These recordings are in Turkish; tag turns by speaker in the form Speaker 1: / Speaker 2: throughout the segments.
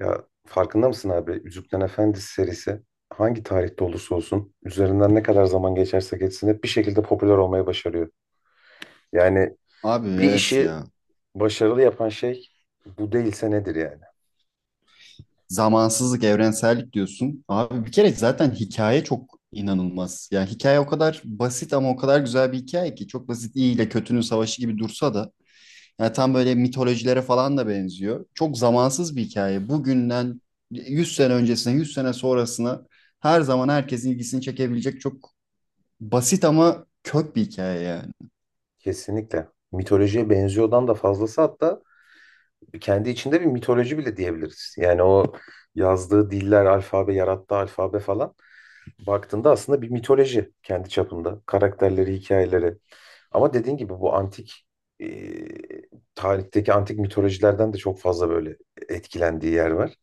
Speaker 1: Ya farkında mısın abi? Yüzüklerin Efendisi serisi hangi tarihte olursa olsun üzerinden ne kadar zaman geçerse geçsin hep bir şekilde popüler olmayı başarıyor. Yani
Speaker 2: Abi
Speaker 1: bir
Speaker 2: evet
Speaker 1: işi
Speaker 2: ya.
Speaker 1: başarılı yapan şey bu değilse nedir yani?
Speaker 2: Zamansızlık, evrensellik diyorsun. Abi bir kere zaten hikaye çok inanılmaz. Ya hikaye o kadar basit ama o kadar güzel bir hikaye ki. Çok basit iyi ile kötünün savaşı gibi dursa da. Yani tam böyle mitolojilere falan da benziyor. Çok zamansız bir hikaye. Bugünden 100 sene öncesine, 100 sene sonrasına her zaman herkesin ilgisini çekebilecek çok basit ama kök bir hikaye ya.
Speaker 1: Kesinlikle. Mitolojiye benziyordan da fazlası hatta kendi içinde bir mitoloji bile diyebiliriz. Yani o yazdığı diller, alfabe, yarattığı alfabe falan baktığında aslında bir mitoloji kendi çapında. Karakterleri, hikayeleri. Ama dediğin gibi bu antik e, tarihteki antik mitolojilerden de çok fazla böyle etkilendiği yer var.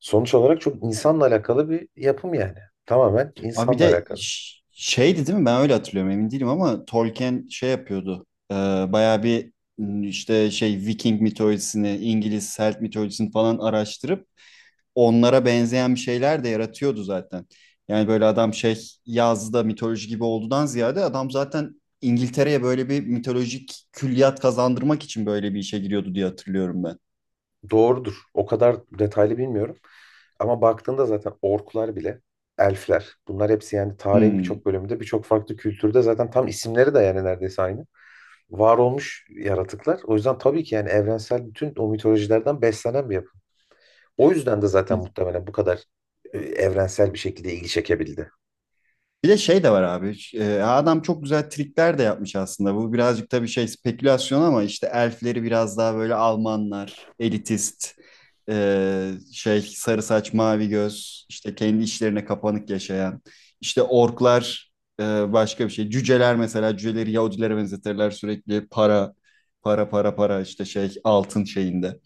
Speaker 1: Sonuç olarak çok insanla alakalı bir yapım yani. Tamamen
Speaker 2: Abi bir
Speaker 1: insanla
Speaker 2: de
Speaker 1: alakalı.
Speaker 2: şeydi değil mi? Ben öyle hatırlıyorum emin değilim ama Tolkien şey yapıyordu. Bayağı bir işte şey Viking mitolojisini, İngiliz Celt mitolojisini falan araştırıp onlara benzeyen bir şeyler de yaratıyordu zaten. Yani böyle adam şey yazdı mitoloji gibi olduğundan ziyade adam zaten İngiltere'ye böyle bir mitolojik külliyat kazandırmak için böyle bir işe giriyordu diye hatırlıyorum ben.
Speaker 1: Doğrudur. O kadar detaylı bilmiyorum. Ama baktığında zaten orklar bile, elfler, bunlar hepsi yani tarihin
Speaker 2: Hmm.
Speaker 1: birçok bölümünde, birçok farklı kültürde zaten tam isimleri de yani neredeyse aynı. Var olmuş yaratıklar. O yüzden tabii ki yani evrensel bütün o mitolojilerden beslenen bir yapı. O yüzden de zaten muhtemelen bu kadar evrensel bir şekilde ilgi çekebildi.
Speaker 2: Bir de şey de var abi. Adam çok güzel trikler de yapmış aslında. Bu birazcık tabii şey spekülasyon ama işte elfleri biraz daha böyle Almanlar, elitist, şey sarı saç mavi göz, işte kendi işlerine kapanık yaşayan. İşte orklar başka bir şey. Cüceler mesela cüceleri Yahudilere benzetirler sürekli para, para, para, para işte şey altın şeyinde.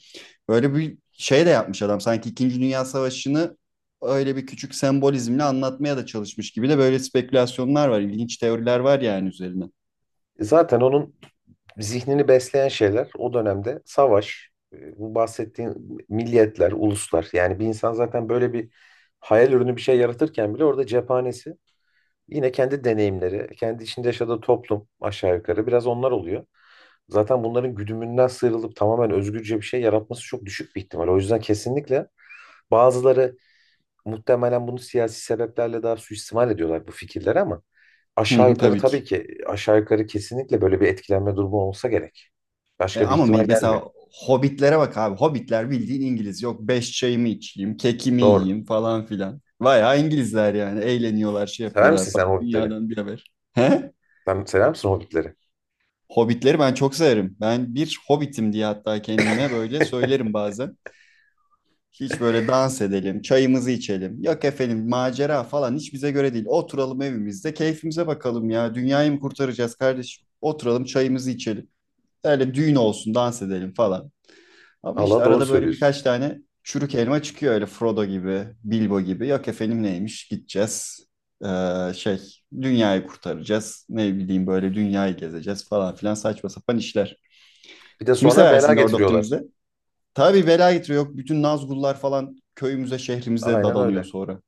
Speaker 2: Böyle bir şey de yapmış adam. Sanki İkinci Dünya Savaşı'nı öyle bir küçük sembolizmle anlatmaya da çalışmış gibi de böyle spekülasyonlar var. İlginç teoriler var yani üzerine.
Speaker 1: Zaten onun zihnini besleyen şeyler o dönemde savaş, bu bahsettiğin milliyetler, uluslar. Yani bir insan zaten böyle bir hayal ürünü bir şey yaratırken bile orada cephanesi yine kendi deneyimleri, kendi içinde yaşadığı toplum aşağı yukarı biraz onlar oluyor. Zaten bunların güdümünden sıyrılıp tamamen özgürce bir şey yaratması çok düşük bir ihtimal. O yüzden kesinlikle bazıları muhtemelen bunu siyasi sebeplerle daha suistimal ediyorlar bu fikirleri ama
Speaker 2: Hı
Speaker 1: aşağı
Speaker 2: hı,
Speaker 1: yukarı
Speaker 2: tabii
Speaker 1: tabii
Speaker 2: ki.
Speaker 1: ki aşağı yukarı kesinlikle böyle bir etkilenme durumu olsa gerek.
Speaker 2: E,
Speaker 1: Başka bir
Speaker 2: ama
Speaker 1: ihtimal gelmiyor.
Speaker 2: mesela Hobbitlere bak abi. Hobbitler bildiğin İngiliz. Yok beş çayımı içeyim, kekimi
Speaker 1: Doğru.
Speaker 2: yiyeyim falan filan. Bayağı İngilizler yani. Eğleniyorlar, şey
Speaker 1: Sever misin
Speaker 2: yapıyorlar
Speaker 1: sen
Speaker 2: falan.
Speaker 1: Hobbitleri?
Speaker 2: Dünyadan bir haber. He?
Speaker 1: Sen sever misin Hobbitleri?
Speaker 2: Hobbitleri ben çok severim. Ben bir Hobbit'im diye hatta kendime böyle söylerim bazen. Hiç böyle dans edelim, çayımızı içelim. Yok efendim macera falan hiç bize göre değil. Oturalım evimizde, keyfimize bakalım ya. Dünyayı mı kurtaracağız kardeşim? Oturalım çayımızı içelim. Öyle düğün olsun, dans edelim falan. Ama işte
Speaker 1: Allah doğru
Speaker 2: arada böyle
Speaker 1: söylüyorsun.
Speaker 2: birkaç tane çürük elma çıkıyor öyle Frodo gibi, Bilbo gibi. Yok efendim neymiş gideceğiz. Şey dünyayı kurtaracağız. Ne bileyim böyle dünyayı gezeceğiz falan filan saçma sapan işler.
Speaker 1: Bir de
Speaker 2: Kimi
Speaker 1: sonra bela
Speaker 2: seversin Lord of the
Speaker 1: getiriyorlar.
Speaker 2: Rings'de? Tabii bela getiriyor. Yok bütün Nazgullar falan köyümüze, şehrimize
Speaker 1: Aynen
Speaker 2: dadanıyor
Speaker 1: öyle.
Speaker 2: sonra.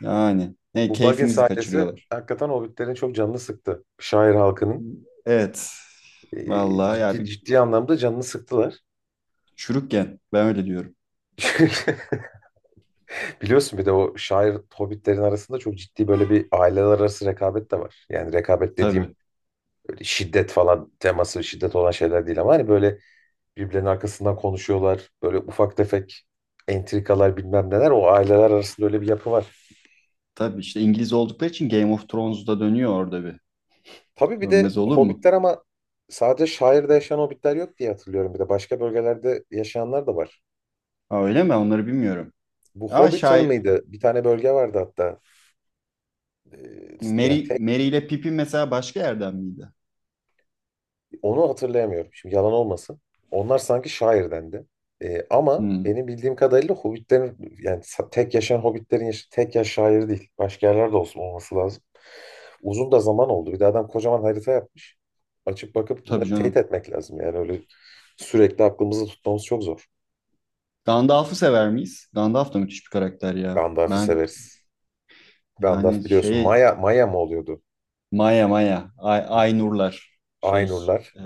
Speaker 2: Yani ne
Speaker 1: Bu Baggins
Speaker 2: keyfimizi
Speaker 1: sahnesi
Speaker 2: kaçırıyorlar.
Speaker 1: hakikaten Hobbitlerin çok canını sıktı. Şair halkının
Speaker 2: Evet. Vallahi ya
Speaker 1: ciddi
Speaker 2: bir
Speaker 1: ciddi anlamda canını sıktılar.
Speaker 2: çürükken ben öyle diyorum.
Speaker 1: Biliyorsun bir de o şair Hobbitlerin arasında çok ciddi böyle bir aileler arası rekabet de var. Yani rekabet dediğim
Speaker 2: Tabii.
Speaker 1: şiddet falan teması şiddet olan şeyler değil ama hani böyle birbirlerinin arkasından konuşuyorlar. Böyle ufak tefek entrikalar bilmem neler o aileler arasında öyle bir yapı var.
Speaker 2: Tabii işte İngiliz oldukları için Game of Thrones'da dönüyor orada bir.
Speaker 1: Tabii bir de
Speaker 2: Dönmez olur mu?
Speaker 1: hobbitler ama sadece şairde yaşayan hobbitler yok diye hatırlıyorum bir de başka bölgelerde yaşayanlar da var.
Speaker 2: Ha, öyle mi? Onları bilmiyorum.
Speaker 1: Bu
Speaker 2: Ama
Speaker 1: Hobbiton
Speaker 2: şair
Speaker 1: mıydı? Bir tane bölge vardı hatta. Ee, yani
Speaker 2: Mary ile Pippin mesela başka yerden miydi?
Speaker 1: onu hatırlayamıyorum. Şimdi yalan olmasın. Onlar sanki şairdendi. Ama
Speaker 2: Hmm,
Speaker 1: benim bildiğim kadarıyla hobbitlerin yani tek yaşayan hobbitlerin yaşı tek yaş şair değil. Başka yerlerde olsun olması lazım. Uzun da zaman oldu. Bir de adam kocaman harita yapmış. Açıp bakıp
Speaker 2: tabii
Speaker 1: bunları teyit
Speaker 2: canım.
Speaker 1: etmek lazım. Yani öyle sürekli aklımızda tutmamız çok zor.
Speaker 2: Gandalf'ı sever miyiz? Gandalf da müthiş bir karakter ya.
Speaker 1: Gandalf'ı
Speaker 2: Ben
Speaker 1: severiz. Gandalf
Speaker 2: yani
Speaker 1: biliyorsun Maya
Speaker 2: şeye
Speaker 1: Maya mı oluyordu?
Speaker 2: Maya Maya. Ay, Aynurlar. Şey.
Speaker 1: Aynurlar.
Speaker 2: e,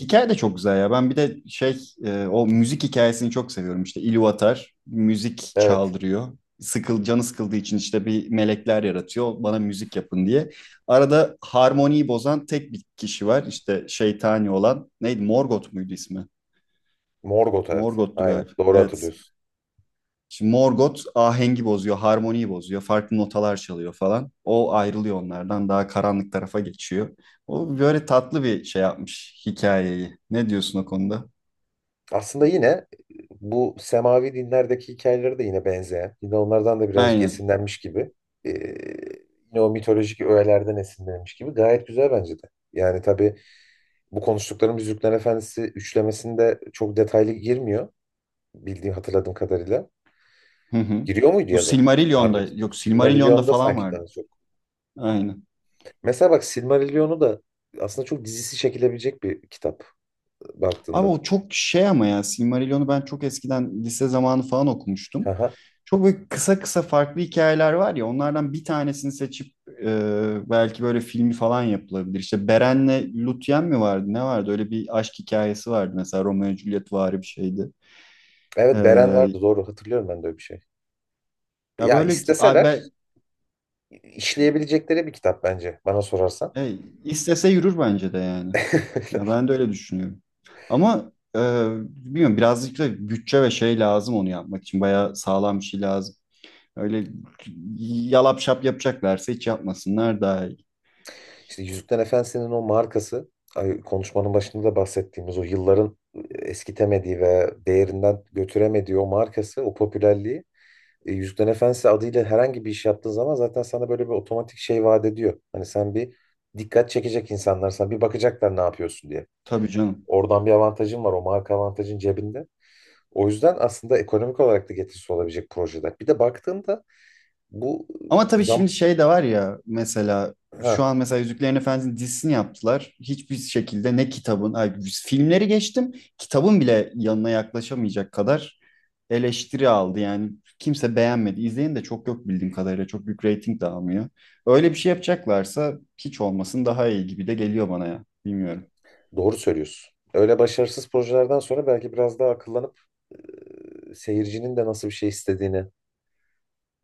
Speaker 2: hikaye de çok güzel ya. Ben bir de şey o müzik hikayesini çok seviyorum. İşte İlu müzik
Speaker 1: Evet.
Speaker 2: çaldırıyor. Canı sıkıldığı için işte bir melekler yaratıyor. Bana müzik yapın diye. Arada harmoniyi bozan tek bir kişi var. İşte şeytani olan. Neydi? Morgoth muydu ismi?
Speaker 1: Morgoth evet.
Speaker 2: Morgoth'tu
Speaker 1: Aynen.
Speaker 2: galiba.
Speaker 1: Doğru
Speaker 2: Evet.
Speaker 1: hatırlıyorsun.
Speaker 2: Şimdi Morgoth ahengi bozuyor, harmoniyi bozuyor, farklı notalar çalıyor falan. O ayrılıyor onlardan, daha karanlık tarafa geçiyor. O böyle tatlı bir şey yapmış hikayeyi. Ne diyorsun o konuda?
Speaker 1: Aslında yine bu semavi dinlerdeki hikayeleri de yine benzeyen, yine onlardan da birazcık
Speaker 2: Aynen.
Speaker 1: esinlenmiş gibi, e, yine o mitolojik öğelerden esinlenmiş gibi gayet güzel bence de. Yani tabii bu konuştuklarım Yüzüklerin Efendisi üçlemesinde çok detaylı girmiyor bildiğim hatırladığım kadarıyla.
Speaker 2: Hı hı.
Speaker 1: Giriyor muydu
Speaker 2: Bu
Speaker 1: ya da
Speaker 2: Silmarillion'da,
Speaker 1: Margot'un? Bu
Speaker 2: yok Silmarillion'da
Speaker 1: Silmarillion'da
Speaker 2: falan
Speaker 1: sanki
Speaker 2: vardı.
Speaker 1: daha çok.
Speaker 2: Aynen.
Speaker 1: Mesela bak Silmarillion'u da aslında çok dizisi çekilebilecek bir kitap
Speaker 2: Abi
Speaker 1: baktığında.
Speaker 2: o çok şey ama ya Silmarillion'u ben çok eskiden lise zamanı falan okumuştum.
Speaker 1: Aha.
Speaker 2: Çok böyle kısa kısa farklı hikayeler var ya onlardan bir tanesini seçip belki böyle filmi falan yapılabilir. İşte Beren'le Lúthien mi vardı ne vardı öyle bir aşk hikayesi vardı mesela Romeo Juliet vari bir şeydi.
Speaker 1: Evet Beren vardı
Speaker 2: E,
Speaker 1: doğru hatırlıyorum ben de öyle bir şey.
Speaker 2: ya
Speaker 1: Ya
Speaker 2: böyle abi
Speaker 1: isteseler
Speaker 2: ben,
Speaker 1: işleyebilecekleri bir kitap bence bana sorarsan.
Speaker 2: e, istese yürür bence de yani. Ya ben de öyle düşünüyorum. Ama bilmiyorum birazcık da bütçe ve şey lazım onu yapmak için bayağı sağlam bir şey lazım. Öyle yalap şap yapacaklarsa hiç yapmasınlar daha iyi.
Speaker 1: İşte Yüzüklerin Efendisi'nin o markası konuşmanın başında da bahsettiğimiz o yılların eskitemediği ve değerinden götüremediği o markası, o popülerliği, Yüzüklerin Efendisi adıyla herhangi bir iş yaptığın zaman zaten sana böyle bir otomatik şey vaat ediyor. Hani sen bir dikkat çekecek insanlar sana bir bakacaklar ne yapıyorsun diye.
Speaker 2: Tabii canım.
Speaker 1: Oradan bir avantajın var, o marka avantajın cebinde. O yüzden aslında ekonomik olarak da getirisi olabilecek projede. Bir de baktığımda bu
Speaker 2: Ama
Speaker 1: e,
Speaker 2: tabii
Speaker 1: zam
Speaker 2: şimdi şey de var ya mesela şu
Speaker 1: ha,
Speaker 2: an mesela Yüzüklerin Efendisi'nin dizisini yaptılar. Hiçbir şekilde ne kitabın, ay, filmleri geçtim. Kitabın bile yanına yaklaşamayacak kadar eleştiri aldı. Yani kimse beğenmedi. İzleyen de çok yok bildiğim kadarıyla. Çok büyük reyting de almıyor. Öyle bir şey yapacaklarsa hiç olmasın daha iyi gibi de geliyor bana ya. Bilmiyorum.
Speaker 1: doğru söylüyorsun. Öyle başarısız projelerden sonra belki biraz daha akıllanıp seyircinin de nasıl bir şey istediğini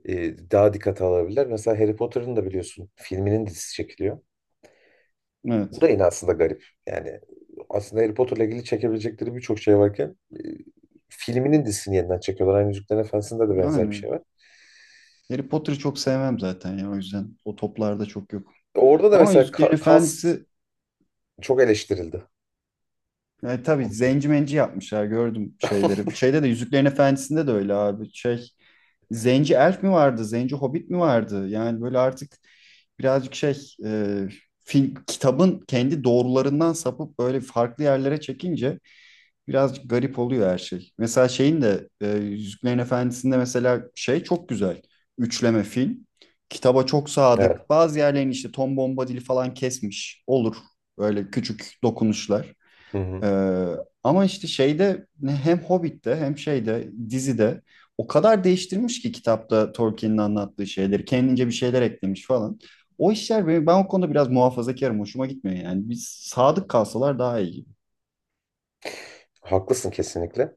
Speaker 1: daha dikkate alabilirler. Mesela Harry Potter'ın da biliyorsun filminin dizisi çekiliyor. Bu
Speaker 2: Evet.
Speaker 1: da yine aslında garip. Yani aslında Harry Potter'la ilgili çekebilecekleri birçok şey varken filminin dizisini yeniden çekiyorlar. Aynı Yüzüklerin Efendisi'nde de benzer bir
Speaker 2: Yani
Speaker 1: şey var.
Speaker 2: Harry Potter'ı çok sevmem zaten ya. O yüzden o toplarda çok yok.
Speaker 1: Orada da
Speaker 2: Ama
Speaker 1: mesela
Speaker 2: Yüzüklerin
Speaker 1: cast
Speaker 2: Efendisi.
Speaker 1: çok eleştirildi.
Speaker 2: Tabii
Speaker 1: Onu söyleyeceğim.
Speaker 2: zenci menci yapmışlar gördüm şeyleri. Şeyde de Yüzüklerin Efendisi'nde de öyle abi. Şey zenci elf mi vardı? Zenci hobbit mi vardı? Yani böyle artık birazcık şey e, film, kitabın kendi doğrularından sapıp böyle farklı yerlere çekince birazcık garip oluyor her şey. Mesela şeyin de Yüzüklerin Efendisi'nde mesela şey çok güzel. Üçleme film. Kitaba çok
Speaker 1: Evet.
Speaker 2: sadık. Bazı yerlerini işte Tom Bombadil'i falan kesmiş. Olur. Böyle küçük dokunuşlar.
Speaker 1: Hı hı.
Speaker 2: Ee, ama işte şeyde hem Hobbit'te hem şeyde dizide o kadar değiştirmiş ki kitapta Tolkien'in anlattığı şeyleri. Kendince bir şeyler eklemiş falan. O işler benim, ben o konuda biraz muhafazakarım. Hoşuma gitmiyor yani. Biz sadık kalsalar daha iyi gibi.
Speaker 1: Haklısın kesinlikle.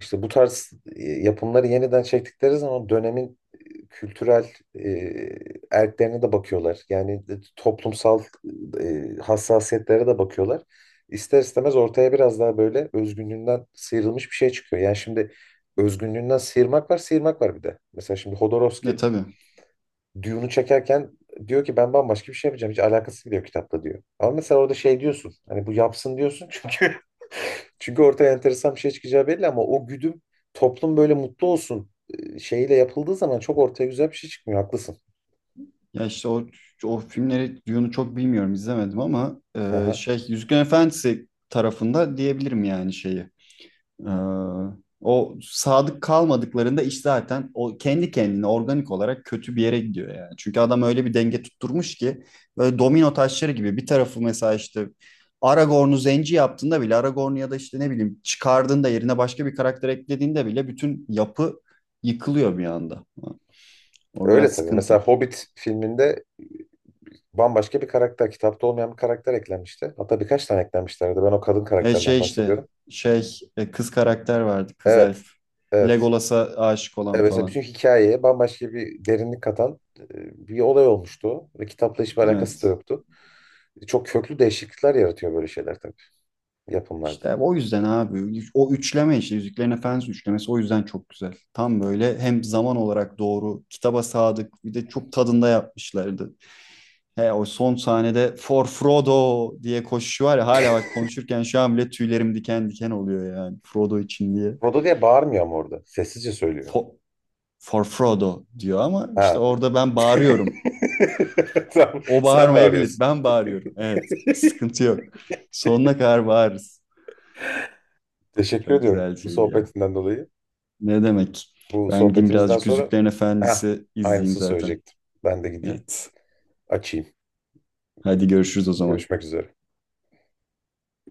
Speaker 1: İşte bu tarz yapımları yeniden çektikleri zaman dönemin kültürel e, erklerine de bakıyorlar. Yani toplumsal hassasiyetlere de bakıyorlar. İster istemez ortaya biraz daha böyle özgünlüğünden sıyrılmış bir şey çıkıyor. Yani şimdi özgünlüğünden sıyırmak var, sıyırmak var bir de. Mesela şimdi
Speaker 2: Ve
Speaker 1: Hodorowski
Speaker 2: tabii.
Speaker 1: Dune'u çekerken diyor ki ben bambaşka bir şey yapacağım. Hiç alakası bile yok kitapta diyor. Ama mesela orada şey diyorsun. Hani bu yapsın diyorsun çünkü çünkü ortaya enteresan bir şey çıkacağı belli ama o güdüm toplum böyle mutlu olsun şeyiyle yapıldığı zaman çok ortaya güzel bir şey çıkmıyor. Haklısın.
Speaker 2: Ya işte o filmleri Dune'u çok bilmiyorum izlemedim ama
Speaker 1: Hı hı.
Speaker 2: şey Yüzüklerin Efendisi tarafında diyebilirim yani şeyi. Ee, o sadık kalmadıklarında iş zaten o kendi kendine organik olarak kötü bir yere gidiyor yani. Çünkü adam öyle bir denge tutturmuş ki böyle domino taşları gibi bir tarafı mesela işte Aragorn'u zenci yaptığında bile Aragorn'u ya da işte ne bileyim çıkardığında yerine başka bir karakter eklediğinde bile bütün yapı yıkılıyor bir anda. O
Speaker 1: Öyle
Speaker 2: biraz
Speaker 1: tabii. Mesela
Speaker 2: sıkıntı.
Speaker 1: Hobbit filminde bambaşka bir karakter, kitapta olmayan bir karakter eklenmişti. Hatta birkaç tane eklenmişlerdi. Ben o kadın
Speaker 2: E
Speaker 1: karakterden
Speaker 2: şey işte
Speaker 1: bahsediyorum.
Speaker 2: şey kız karakter vardı kız
Speaker 1: Evet.
Speaker 2: elf.
Speaker 1: Evet.
Speaker 2: Legolas'a aşık
Speaker 1: Evet,
Speaker 2: olan
Speaker 1: mesela
Speaker 2: falan.
Speaker 1: bütün hikayeye bambaşka bir derinlik katan, bir olay olmuştu o. Ve kitapla hiçbir alakası da
Speaker 2: Evet.
Speaker 1: yoktu. Çok köklü değişiklikler yaratıyor böyle şeyler tabii yapımlarda.
Speaker 2: İşte o yüzden abi o üçleme işte Yüzüklerin Efendisi üçlemesi o yüzden çok güzel. Tam böyle hem zaman olarak doğru, kitaba sadık bir de çok tadında yapmışlardı. He o son sahnede For Frodo diye koşuşu var ya hala bak konuşurken şu an bile tüylerim diken diken oluyor yani Frodo için diye.
Speaker 1: Frodo diye bağırmıyor ama orada. Sessizce söylüyor.
Speaker 2: For, For Frodo diyor ama işte
Speaker 1: Ha,
Speaker 2: orada ben bağırıyorum.
Speaker 1: Tamam,
Speaker 2: O
Speaker 1: sen
Speaker 2: bağırmayabilir.
Speaker 1: bağırıyorsun.
Speaker 2: Ben bağırıyorum. Evet. Sıkıntı yok. Sonuna kadar bağırırız.
Speaker 1: Teşekkür
Speaker 2: Çok
Speaker 1: ediyorum
Speaker 2: güzel
Speaker 1: bu
Speaker 2: şeydi ya.
Speaker 1: sohbetinden dolayı.
Speaker 2: Ne demek?
Speaker 1: Bu
Speaker 2: Ben gideyim
Speaker 1: sohbetimizden
Speaker 2: birazcık
Speaker 1: sonra
Speaker 2: Yüzüklerin
Speaker 1: Heh,
Speaker 2: Efendisi izleyeyim
Speaker 1: aynısını
Speaker 2: zaten.
Speaker 1: söyleyecektim. Ben de gideyim,
Speaker 2: Evet.
Speaker 1: açayım.
Speaker 2: Hadi görüşürüz o zaman.
Speaker 1: Görüşmek üzere.